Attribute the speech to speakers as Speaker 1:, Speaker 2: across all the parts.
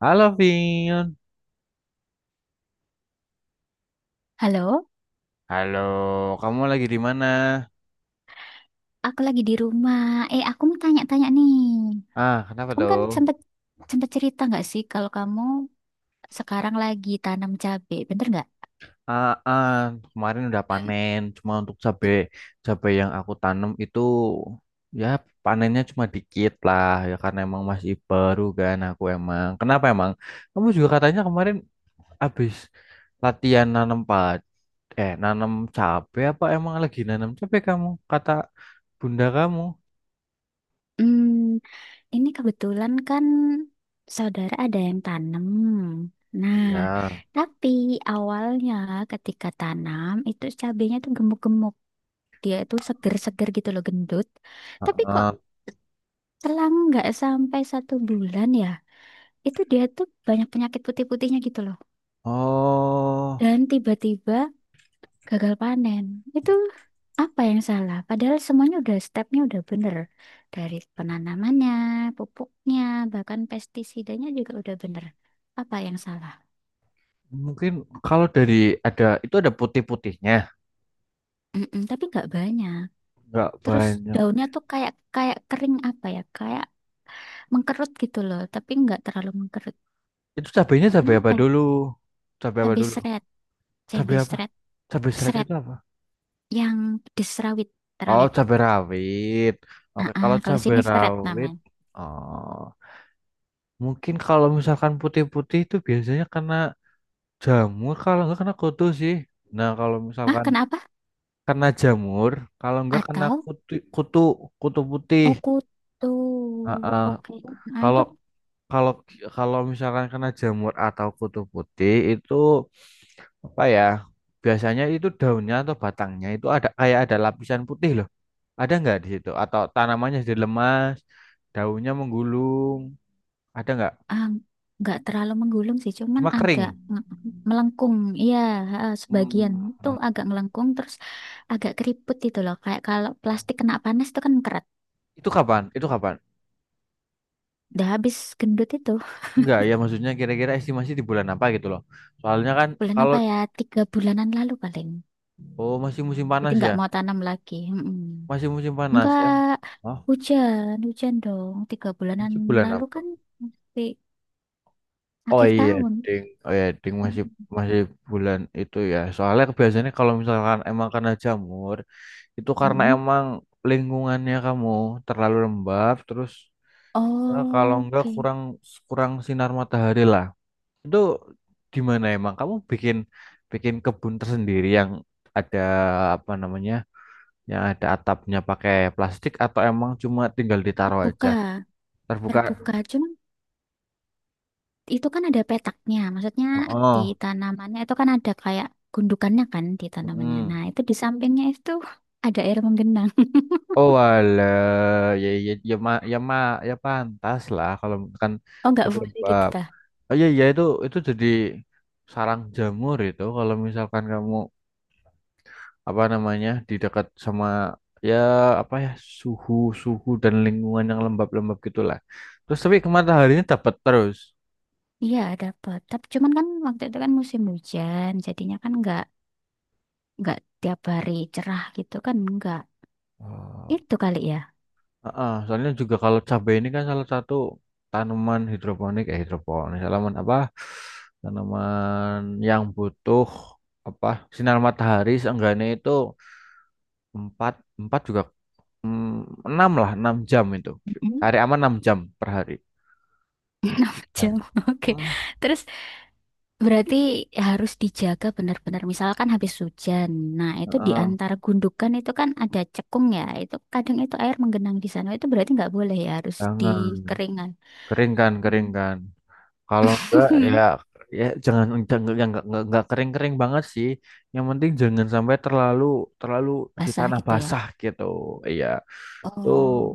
Speaker 1: Halo Vin,
Speaker 2: Halo,
Speaker 1: halo. Kamu lagi di mana?
Speaker 2: aku lagi di rumah. Eh, aku mau tanya-tanya nih.
Speaker 1: Ah, kenapa
Speaker 2: Kamu kan
Speaker 1: tuh?
Speaker 2: sempet sempet cerita nggak sih kalau kamu sekarang lagi tanam cabe, bener nggak?
Speaker 1: Ah, ah, kemarin udah
Speaker 2: Eh.
Speaker 1: panen, cuma untuk cabe cabe yang aku tanam itu, ya, panennya cuma dikit lah ya, karena emang masih baru kan aku emang. Kenapa emang? Kamu juga katanya kemarin habis latihan nanam pad eh nanam cabe, apa emang lagi nanam cabe kamu? Kata bunda kamu.
Speaker 2: Hmm, ini kebetulan kan saudara ada yang tanam. Nah,
Speaker 1: Ya.
Speaker 2: tapi awalnya ketika tanam itu cabenya tuh gemuk-gemuk, dia itu seger-seger gitu loh, gendut. Tapi kok
Speaker 1: Heeh.
Speaker 2: selang nggak sampai 1 bulan ya, itu dia tuh banyak penyakit putih-putihnya gitu loh,
Speaker 1: Oh.
Speaker 2: dan tiba-tiba gagal panen. Itu apa yang salah? Padahal semuanya udah stepnya udah bener. Dari penanamannya, pupuknya, bahkan pestisidanya juga udah bener. Apa yang salah?
Speaker 1: Mungkin kalau dari ada itu ada putih-putihnya,
Speaker 2: Mm-mm, tapi nggak banyak.
Speaker 1: nggak
Speaker 2: Terus
Speaker 1: banyak.
Speaker 2: daunnya tuh kayak kayak kering apa ya? Kayak mengkerut gitu loh, tapi nggak terlalu mengkerut.
Speaker 1: Itu cabenya cabai apa
Speaker 2: Kenapa? Ya?
Speaker 1: dulu? Cabai apa
Speaker 2: Cabai
Speaker 1: dulu?
Speaker 2: seret,
Speaker 1: Cabai
Speaker 2: cabai
Speaker 1: apa?
Speaker 2: seret,
Speaker 1: Cabai seret
Speaker 2: seret
Speaker 1: itu apa?
Speaker 2: yang di serawit,
Speaker 1: Oh,
Speaker 2: terawit.
Speaker 1: cabai rawit. Oke,
Speaker 2: Ah, ah,
Speaker 1: kalau
Speaker 2: kalau
Speaker 1: cabai
Speaker 2: sini seret
Speaker 1: rawit,
Speaker 2: namanya.
Speaker 1: oh, mungkin kalau misalkan putih-putih itu biasanya kena jamur, kalau nggak kena kutu sih. Nah, kalau
Speaker 2: Ah,
Speaker 1: misalkan
Speaker 2: kenapa?
Speaker 1: kena jamur, kalau nggak kena
Speaker 2: Atau.
Speaker 1: kutu, kutu putih.
Speaker 2: Oh, kutu,
Speaker 1: Heeh.
Speaker 2: oke. Nah itu
Speaker 1: Kalau Kalau kalau misalkan kena jamur atau kutu putih itu, apa ya? Biasanya itu daunnya atau batangnya itu ada kayak ada lapisan putih loh. Ada nggak di situ? Atau tanamannya jadi lemas, daunnya menggulung, ada nggak?
Speaker 2: ah, nggak terlalu menggulung sih, cuman
Speaker 1: Cuma
Speaker 2: agak
Speaker 1: kering.
Speaker 2: melengkung, iya ha, sebagian
Speaker 1: Hmm.
Speaker 2: itu agak melengkung, terus agak keriput itu loh, kayak kalau plastik kena panas itu kan keret.
Speaker 1: Itu kapan? Itu kapan?
Speaker 2: Udah habis gendut itu
Speaker 1: Enggak, ya maksudnya kira-kira estimasi di bulan apa gitu loh. Soalnya kan
Speaker 2: bulan
Speaker 1: kalau
Speaker 2: apa ya? 3 bulanan lalu paling.
Speaker 1: oh masih musim
Speaker 2: Jadi
Speaker 1: panas ya,
Speaker 2: nggak mau tanam lagi. Mm-mm.
Speaker 1: masih musim panas.
Speaker 2: Nggak
Speaker 1: Oh,
Speaker 2: hujan, hujan dong. 3 bulanan
Speaker 1: masih bulan
Speaker 2: lalu
Speaker 1: apa?
Speaker 2: kan masih
Speaker 1: Oh
Speaker 2: akhir
Speaker 1: iya,
Speaker 2: tahun.
Speaker 1: ding. Oh iya, ding, masih
Speaker 2: Mm-mm.
Speaker 1: masih bulan itu ya. Soalnya biasanya kalau misalkan emang karena jamur, itu karena
Speaker 2: Mm-mm.
Speaker 1: emang lingkungannya kamu terlalu lembab, terus ya, kalau enggak
Speaker 2: Oke.
Speaker 1: kurang kurang sinar matahari lah. Itu di mana emang kamu bikin bikin kebun tersendiri yang ada, apa namanya? Yang ada atapnya pakai plastik atau emang cuma tinggal ditaruh aja?
Speaker 2: Buka.
Speaker 1: Terbuka.
Speaker 2: Terbuka, cuman itu kan ada petaknya. Maksudnya di
Speaker 1: Oh.
Speaker 2: tanamannya itu kan ada kayak gundukannya kan di tanamannya.
Speaker 1: Mm.
Speaker 2: Nah, itu di sampingnya itu ada air menggenang.
Speaker 1: Oh alah, ya ya ya ma ya ma ya pantas lah kalau kan
Speaker 2: Oh, nggak boleh gitu
Speaker 1: penyebab.
Speaker 2: tah?
Speaker 1: Oh iya iya itu jadi sarang jamur itu kalau misalkan kamu, apa namanya, di dekat sama, ya apa ya, suhu suhu dan lingkungan yang lembab-lembab gitulah. Terus tapi ke mataharinya dapat terus.
Speaker 2: Iya, ada. Tapi cuman kan waktu itu kan musim hujan, jadinya kan nggak tiap hari cerah gitu kan nggak. Itu kali ya.
Speaker 1: Heeh, soalnya juga kalau cabai ini kan salah satu tanaman hidroponik, eh hidroponik, tanaman apa? Tanaman yang butuh apa? Sinar matahari seenggaknya itu 4 4 juga, mm, 6 lah, 6 jam itu.
Speaker 2: Mm-mm.
Speaker 1: Hari aman 6 jam per hari. 6 jam.
Speaker 2: Jauh. Oke.
Speaker 1: Hmm.
Speaker 2: Terus. Berarti harus dijaga benar-benar. Misalkan habis hujan. Nah, itu di
Speaker 1: Heeh,
Speaker 2: antara gundukan itu kan ada cekung ya. Itu kadang itu air menggenang di sana. Itu berarti nggak boleh ya, harus
Speaker 1: jangan
Speaker 2: dikeringan.
Speaker 1: kering kan, kering kan. Kalau enggak ya jangan jangan- yang enggak kering-kering banget sih. Yang penting jangan sampai terlalu terlalu di
Speaker 2: Basah
Speaker 1: tanah
Speaker 2: gitu ya.
Speaker 1: basah gitu. Iya, itu
Speaker 2: Oh.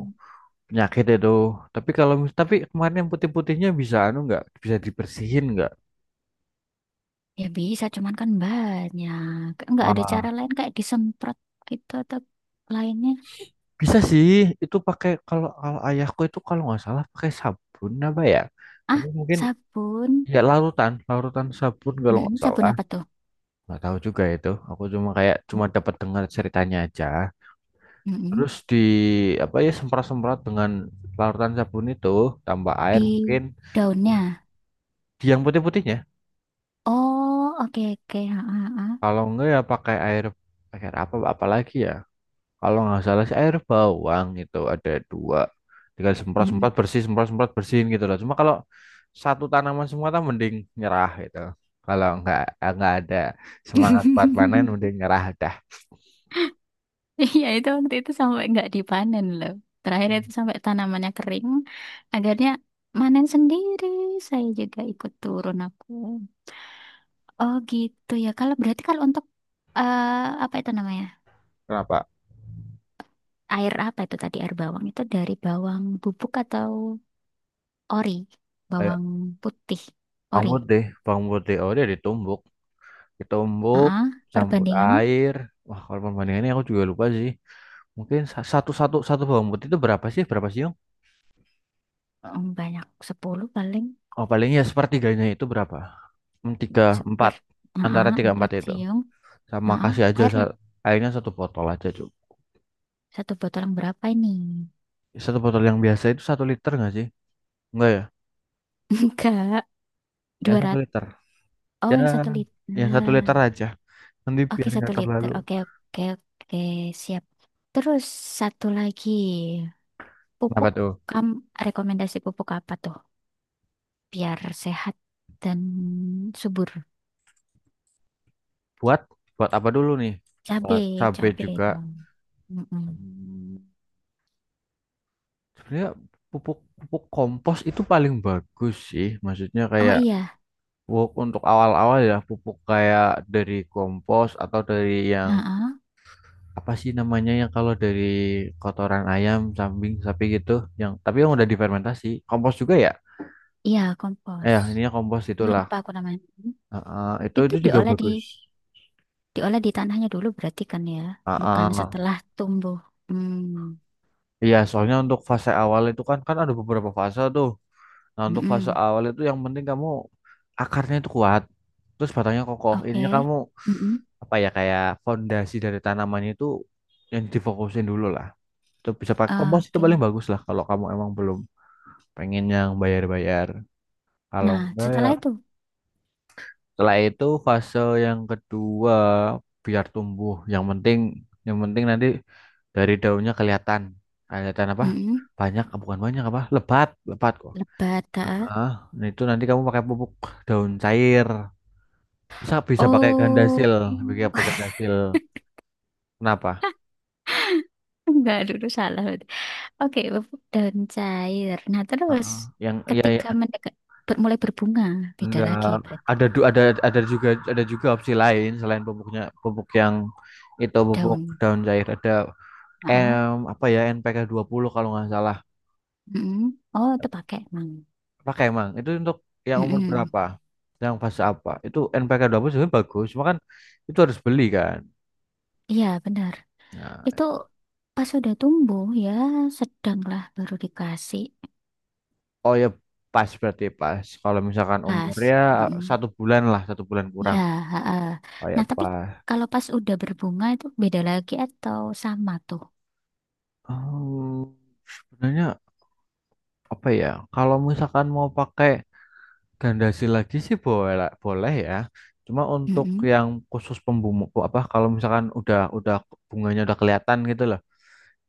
Speaker 1: penyakit itu. Tapi kemarin yang putih-putihnya bisa anu enggak? Bisa dibersihin enggak?
Speaker 2: Ya bisa, cuman kan banyak. Nggak ada cara
Speaker 1: Ah,
Speaker 2: lain kayak disemprot gitu atau lainnya.
Speaker 1: bisa sih. Itu pakai, kalau kalau ayahku itu kalau nggak salah pakai sabun apa ya? Tapi
Speaker 2: Ah,
Speaker 1: mungkin
Speaker 2: sabun.
Speaker 1: ya larutan sabun kalau
Speaker 2: Mm-mm,
Speaker 1: nggak
Speaker 2: sabun
Speaker 1: salah.
Speaker 2: apa tuh?
Speaker 1: Nggak tahu juga itu. Aku cuma kayak cuma dapat dengar ceritanya aja.
Speaker 2: Mm-mm.
Speaker 1: Terus di apa ya semprot-semprot dengan larutan sabun itu, tambah air
Speaker 2: Di
Speaker 1: mungkin.
Speaker 2: daunnya.
Speaker 1: Di yang putih-putihnya,
Speaker 2: Oh, oke oke. Ha, ha, ha.
Speaker 1: kalau enggak ya pakai air apa apalagi ya. Kalau nggak salah sih air bawang itu ada dua. Tinggal
Speaker 2: Mm-mm.
Speaker 1: semprot-semprot bersih, semprot-semprot bersihin gitu loh. Cuma kalau satu tanaman semua kan mending nyerah gitu. Kalau nggak ada semangat buat panen mending nyerah dah.
Speaker 2: Iya itu waktu itu sampai nggak dipanen loh. Terakhir itu sampai tanamannya kering. Akhirnya manen sendiri. Saya juga ikut turun aku. Oh gitu ya. Kalau berarti kalau untuk eh, apa itu namanya?
Speaker 1: Kenapa?
Speaker 2: Air apa itu tadi air bawang itu dari bawang bubuk atau ori?
Speaker 1: Kayak
Speaker 2: Bawang putih
Speaker 1: bawang
Speaker 2: ori.
Speaker 1: putih, bawang putih, oh dia ditumbuk. Ditumbuk
Speaker 2: Ah,
Speaker 1: campur
Speaker 2: perbandingannya
Speaker 1: air. Wah, kalau perbandingannya aku juga lupa sih, mungkin satu, satu bawang putih itu berapa sih Yong?
Speaker 2: banyak 10 paling
Speaker 1: Oh paling ya sepertiganya itu berapa. Hmm, tiga
Speaker 2: seper.
Speaker 1: empat, antara
Speaker 2: Ah,
Speaker 1: tiga empat
Speaker 2: empat
Speaker 1: itu,
Speaker 2: siung.
Speaker 1: sama
Speaker 2: Ah,
Speaker 1: kasih aja
Speaker 2: airnya
Speaker 1: airnya satu botol aja cuk,
Speaker 2: satu botol yang berapa ini?
Speaker 1: satu botol yang biasa itu satu liter nggak sih? Enggak ya
Speaker 2: Enggak.
Speaker 1: ya
Speaker 2: dua
Speaker 1: satu
Speaker 2: ratus
Speaker 1: liter
Speaker 2: Oh,
Speaker 1: ya,
Speaker 2: yang satu
Speaker 1: yang satu
Speaker 2: liter.
Speaker 1: liter aja, nanti
Speaker 2: Oke,
Speaker 1: biar
Speaker 2: satu
Speaker 1: nggak
Speaker 2: liter.
Speaker 1: terlalu.
Speaker 2: Oke, oke, oke. Siap. Terus satu lagi.
Speaker 1: Apa
Speaker 2: Pupuk,
Speaker 1: tuh
Speaker 2: kamu rekomendasi pupuk apa tuh? Biar sehat dan subur.
Speaker 1: buat buat apa dulu nih?
Speaker 2: Cabe,
Speaker 1: Buat cabai
Speaker 2: cabe
Speaker 1: juga.
Speaker 2: dong. Mm-mm.
Speaker 1: Hmm. Sebenarnya pupuk pupuk kompos itu paling bagus sih. Maksudnya
Speaker 2: Oh
Speaker 1: kayak
Speaker 2: iya.
Speaker 1: pupuk untuk awal-awal ya, pupuk kayak dari kompos atau dari yang
Speaker 2: Heeh.
Speaker 1: apa sih namanya, yang kalau dari kotoran ayam, kambing, sapi gitu, yang tapi yang udah difermentasi. Kompos juga ya?
Speaker 2: Iya, kompos.
Speaker 1: Eh, ininya kompos itulah.
Speaker 2: Lupa aku namanya.
Speaker 1: Heeh, itu
Speaker 2: Itu
Speaker 1: itu juga
Speaker 2: diolah di
Speaker 1: bagus.
Speaker 2: diolah di tanahnya dulu berarti kan ya. Bukan
Speaker 1: Heeh.
Speaker 2: setelah tumbuh. Hmm.
Speaker 1: Iya, soalnya untuk fase awal itu kan kan ada beberapa fase tuh. Nah, untuk fase
Speaker 2: Mm-mm.
Speaker 1: awal itu yang penting kamu akarnya itu kuat, terus batangnya kokoh. Ininya
Speaker 2: Oke.
Speaker 1: kamu
Speaker 2: Mm-mm.
Speaker 1: apa ya, kayak fondasi dari tanamannya itu yang difokusin dulu lah. Itu bisa pakai kompos itu
Speaker 2: Oke.
Speaker 1: paling bagus lah, kalau kamu emang belum pengen yang bayar-bayar. Kalau
Speaker 2: Nah,
Speaker 1: enggak ya
Speaker 2: setelah itu,
Speaker 1: setelah itu fase yang kedua, biar tumbuh. yang penting nanti dari daunnya kelihatan kelihatan apa?
Speaker 2: mm
Speaker 1: Banyak, bukan banyak, apa? Lebat, lebat kok.
Speaker 2: lebat, ah.
Speaker 1: Heeh. Nah, itu nanti kamu pakai pupuk daun cair. Bisa bisa pakai
Speaker 2: Oh,
Speaker 1: gandasil, pakai apa gandasil. Kenapa?
Speaker 2: enggak dulu salah. Oke, pupuk daun cair. Nah, terus
Speaker 1: Heeh. Yang ya, ya.
Speaker 2: ketika mendekat, mulai berbunga, beda lagi
Speaker 1: Enggak,
Speaker 2: berarti
Speaker 1: ada ada, ada juga opsi lain selain pupuknya pupuk yang itu pupuk
Speaker 2: daun.
Speaker 1: daun cair, ada
Speaker 2: Ah,
Speaker 1: M apa ya NPK puluh kalau nggak salah.
Speaker 2: Oh, itu pakai emang.
Speaker 1: Pakai emang itu untuk yang umur
Speaker 2: Mm-mm.
Speaker 1: berapa? Yang fase apa? Itu NPK puluh sebenarnya bagus, cuma kan itu harus beli kan.
Speaker 2: Iya, benar.
Speaker 1: Nah,
Speaker 2: Itu pas sudah tumbuh ya, sedanglah baru dikasih
Speaker 1: oh ya pas, berarti pas. Kalau misalkan
Speaker 2: pas.
Speaker 1: umurnya
Speaker 2: Mm-mm.
Speaker 1: satu bulan lah, satu bulan
Speaker 2: Ya,
Speaker 1: kurang.
Speaker 2: ha.
Speaker 1: Oh ya
Speaker 2: Nah, tapi
Speaker 1: pas.
Speaker 2: kalau pas udah berbunga itu beda lagi atau sama tuh?
Speaker 1: Hmm, sebenarnya apa ya? Kalau misalkan mau pakai Gandasi lagi sih boleh boleh ya. Cuma untuk
Speaker 2: Mm-mm.
Speaker 1: yang khusus pembumu apa kalau misalkan udah bunganya udah kelihatan gitu loh.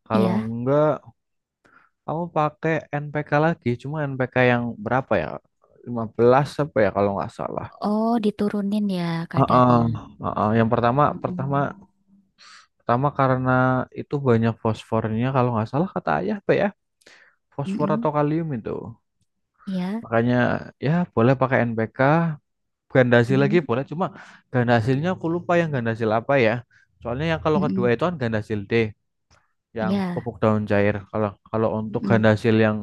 Speaker 1: Kalau
Speaker 2: Ya.
Speaker 1: enggak aku pakai NPK lagi, cuma NPK yang berapa ya? 15 apa ya kalau nggak salah.
Speaker 2: Oh, diturunin ya
Speaker 1: Heeh,
Speaker 2: kadarnya.
Speaker 1: heeh. Yang pertama, pertama
Speaker 2: Mm-mm.
Speaker 1: pertama karena itu banyak fosfornya kalau nggak salah kata ayah, apa ya? Fosfor atau
Speaker 2: Mm-mm.
Speaker 1: kalium itu.
Speaker 2: Ya.
Speaker 1: Makanya ya boleh pakai NPK ganda hasil lagi
Speaker 2: Mm-mm.
Speaker 1: boleh, cuma ganda hasilnya aku lupa, yang ganda hasil apa ya, soalnya yang kalau kedua
Speaker 2: Mm-mm.
Speaker 1: itu kan ganda hasil D, yang
Speaker 2: Ya.
Speaker 1: pupuk daun cair. Kalau kalau untuk
Speaker 2: Mm-mm.
Speaker 1: ganda hasil yang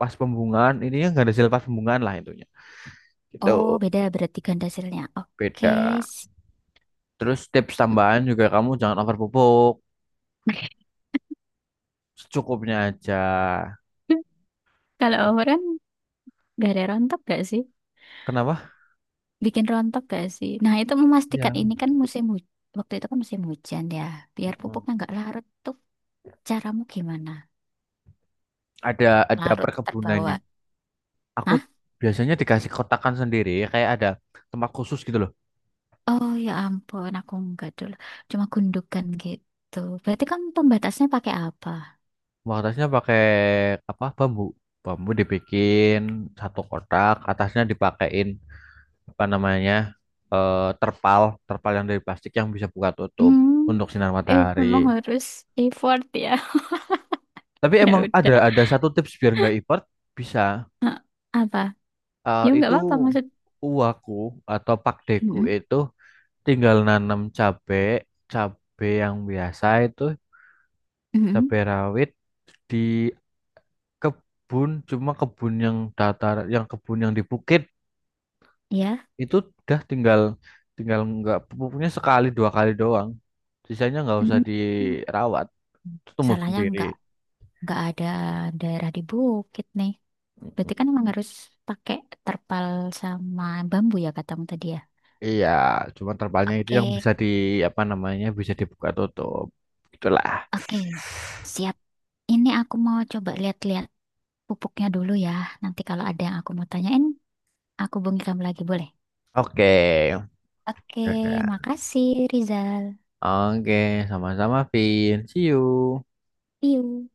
Speaker 1: pas pembungaan, ini yang ganda hasil pas pembungaan lah intinya
Speaker 2: Oh,
Speaker 1: gitu,
Speaker 2: beda berarti ganda hasilnya. Oke.
Speaker 1: beda.
Speaker 2: s-
Speaker 1: Terus tips tambahan juga kamu jangan over pupuk, secukupnya aja.
Speaker 2: Kalau overrun gak ada rontok gak sih?
Speaker 1: Kenapa
Speaker 2: Bikin rontok gak sih? Nah, itu memastikan
Speaker 1: ya.
Speaker 2: ini kan musim hujan. Waktu itu kan musim hujan ya. Biar
Speaker 1: Mm.
Speaker 2: pupuknya nggak larut tuh. Caramu gimana?
Speaker 1: ada ada
Speaker 2: Larut
Speaker 1: perkebunannya
Speaker 2: terbawa.
Speaker 1: aku biasanya dikasih kotakan sendiri, kayak ada tempat khusus gitu loh.
Speaker 2: Oh ya ampun, aku enggak dulu. Cuma gundukan gitu. Berarti kamu pembatasnya pakai apa?
Speaker 1: Atasnya pakai apa, bambu bambu dibikin satu kotak, atasnya dipakein apa namanya, eh, terpal terpal yang dari plastik yang bisa buka tutup
Speaker 2: Hmm,
Speaker 1: untuk sinar
Speaker 2: eh
Speaker 1: matahari.
Speaker 2: memang harus effort ya.
Speaker 1: Tapi emang
Speaker 2: Ya
Speaker 1: ada
Speaker 2: udah.
Speaker 1: ada satu tips biar nggak ipert bisa,
Speaker 2: Apa?
Speaker 1: eh,
Speaker 2: Ya nggak
Speaker 1: itu
Speaker 2: apa-apa maksud.
Speaker 1: uwaku atau pakdeku
Speaker 2: Mm-mm,
Speaker 1: itu tinggal nanam cabe, cabe yang biasa itu, cabe
Speaker 2: mm-mm,
Speaker 1: rawit, di kebun, cuma kebun yang datar, yang kebun yang di bukit
Speaker 2: ya.
Speaker 1: itu udah tinggal tinggal nggak, pupuknya sekali dua kali doang, sisanya nggak usah
Speaker 2: Mm-mm.
Speaker 1: dirawat, itu tumbuh
Speaker 2: Salahnya
Speaker 1: sendiri.
Speaker 2: nggak ada daerah di bukit nih. Berarti kan
Speaker 1: Mm-mm.
Speaker 2: emang harus pakai terpal sama bambu ya katamu tadi ya.
Speaker 1: Iya, cuma terpalnya itu
Speaker 2: Oke,
Speaker 1: yang bisa di, apa namanya, bisa dibuka tutup, itulah.
Speaker 2: oke. Siap. Ini aku mau coba lihat-lihat pupuknya dulu ya. Nanti kalau ada yang aku mau tanyain, aku hubungi kamu lagi, boleh?
Speaker 1: Oke.
Speaker 2: Oke,
Speaker 1: Oke,
Speaker 2: makasih Rizal.
Speaker 1: oke, sama-sama, Vin. See you.
Speaker 2: See you.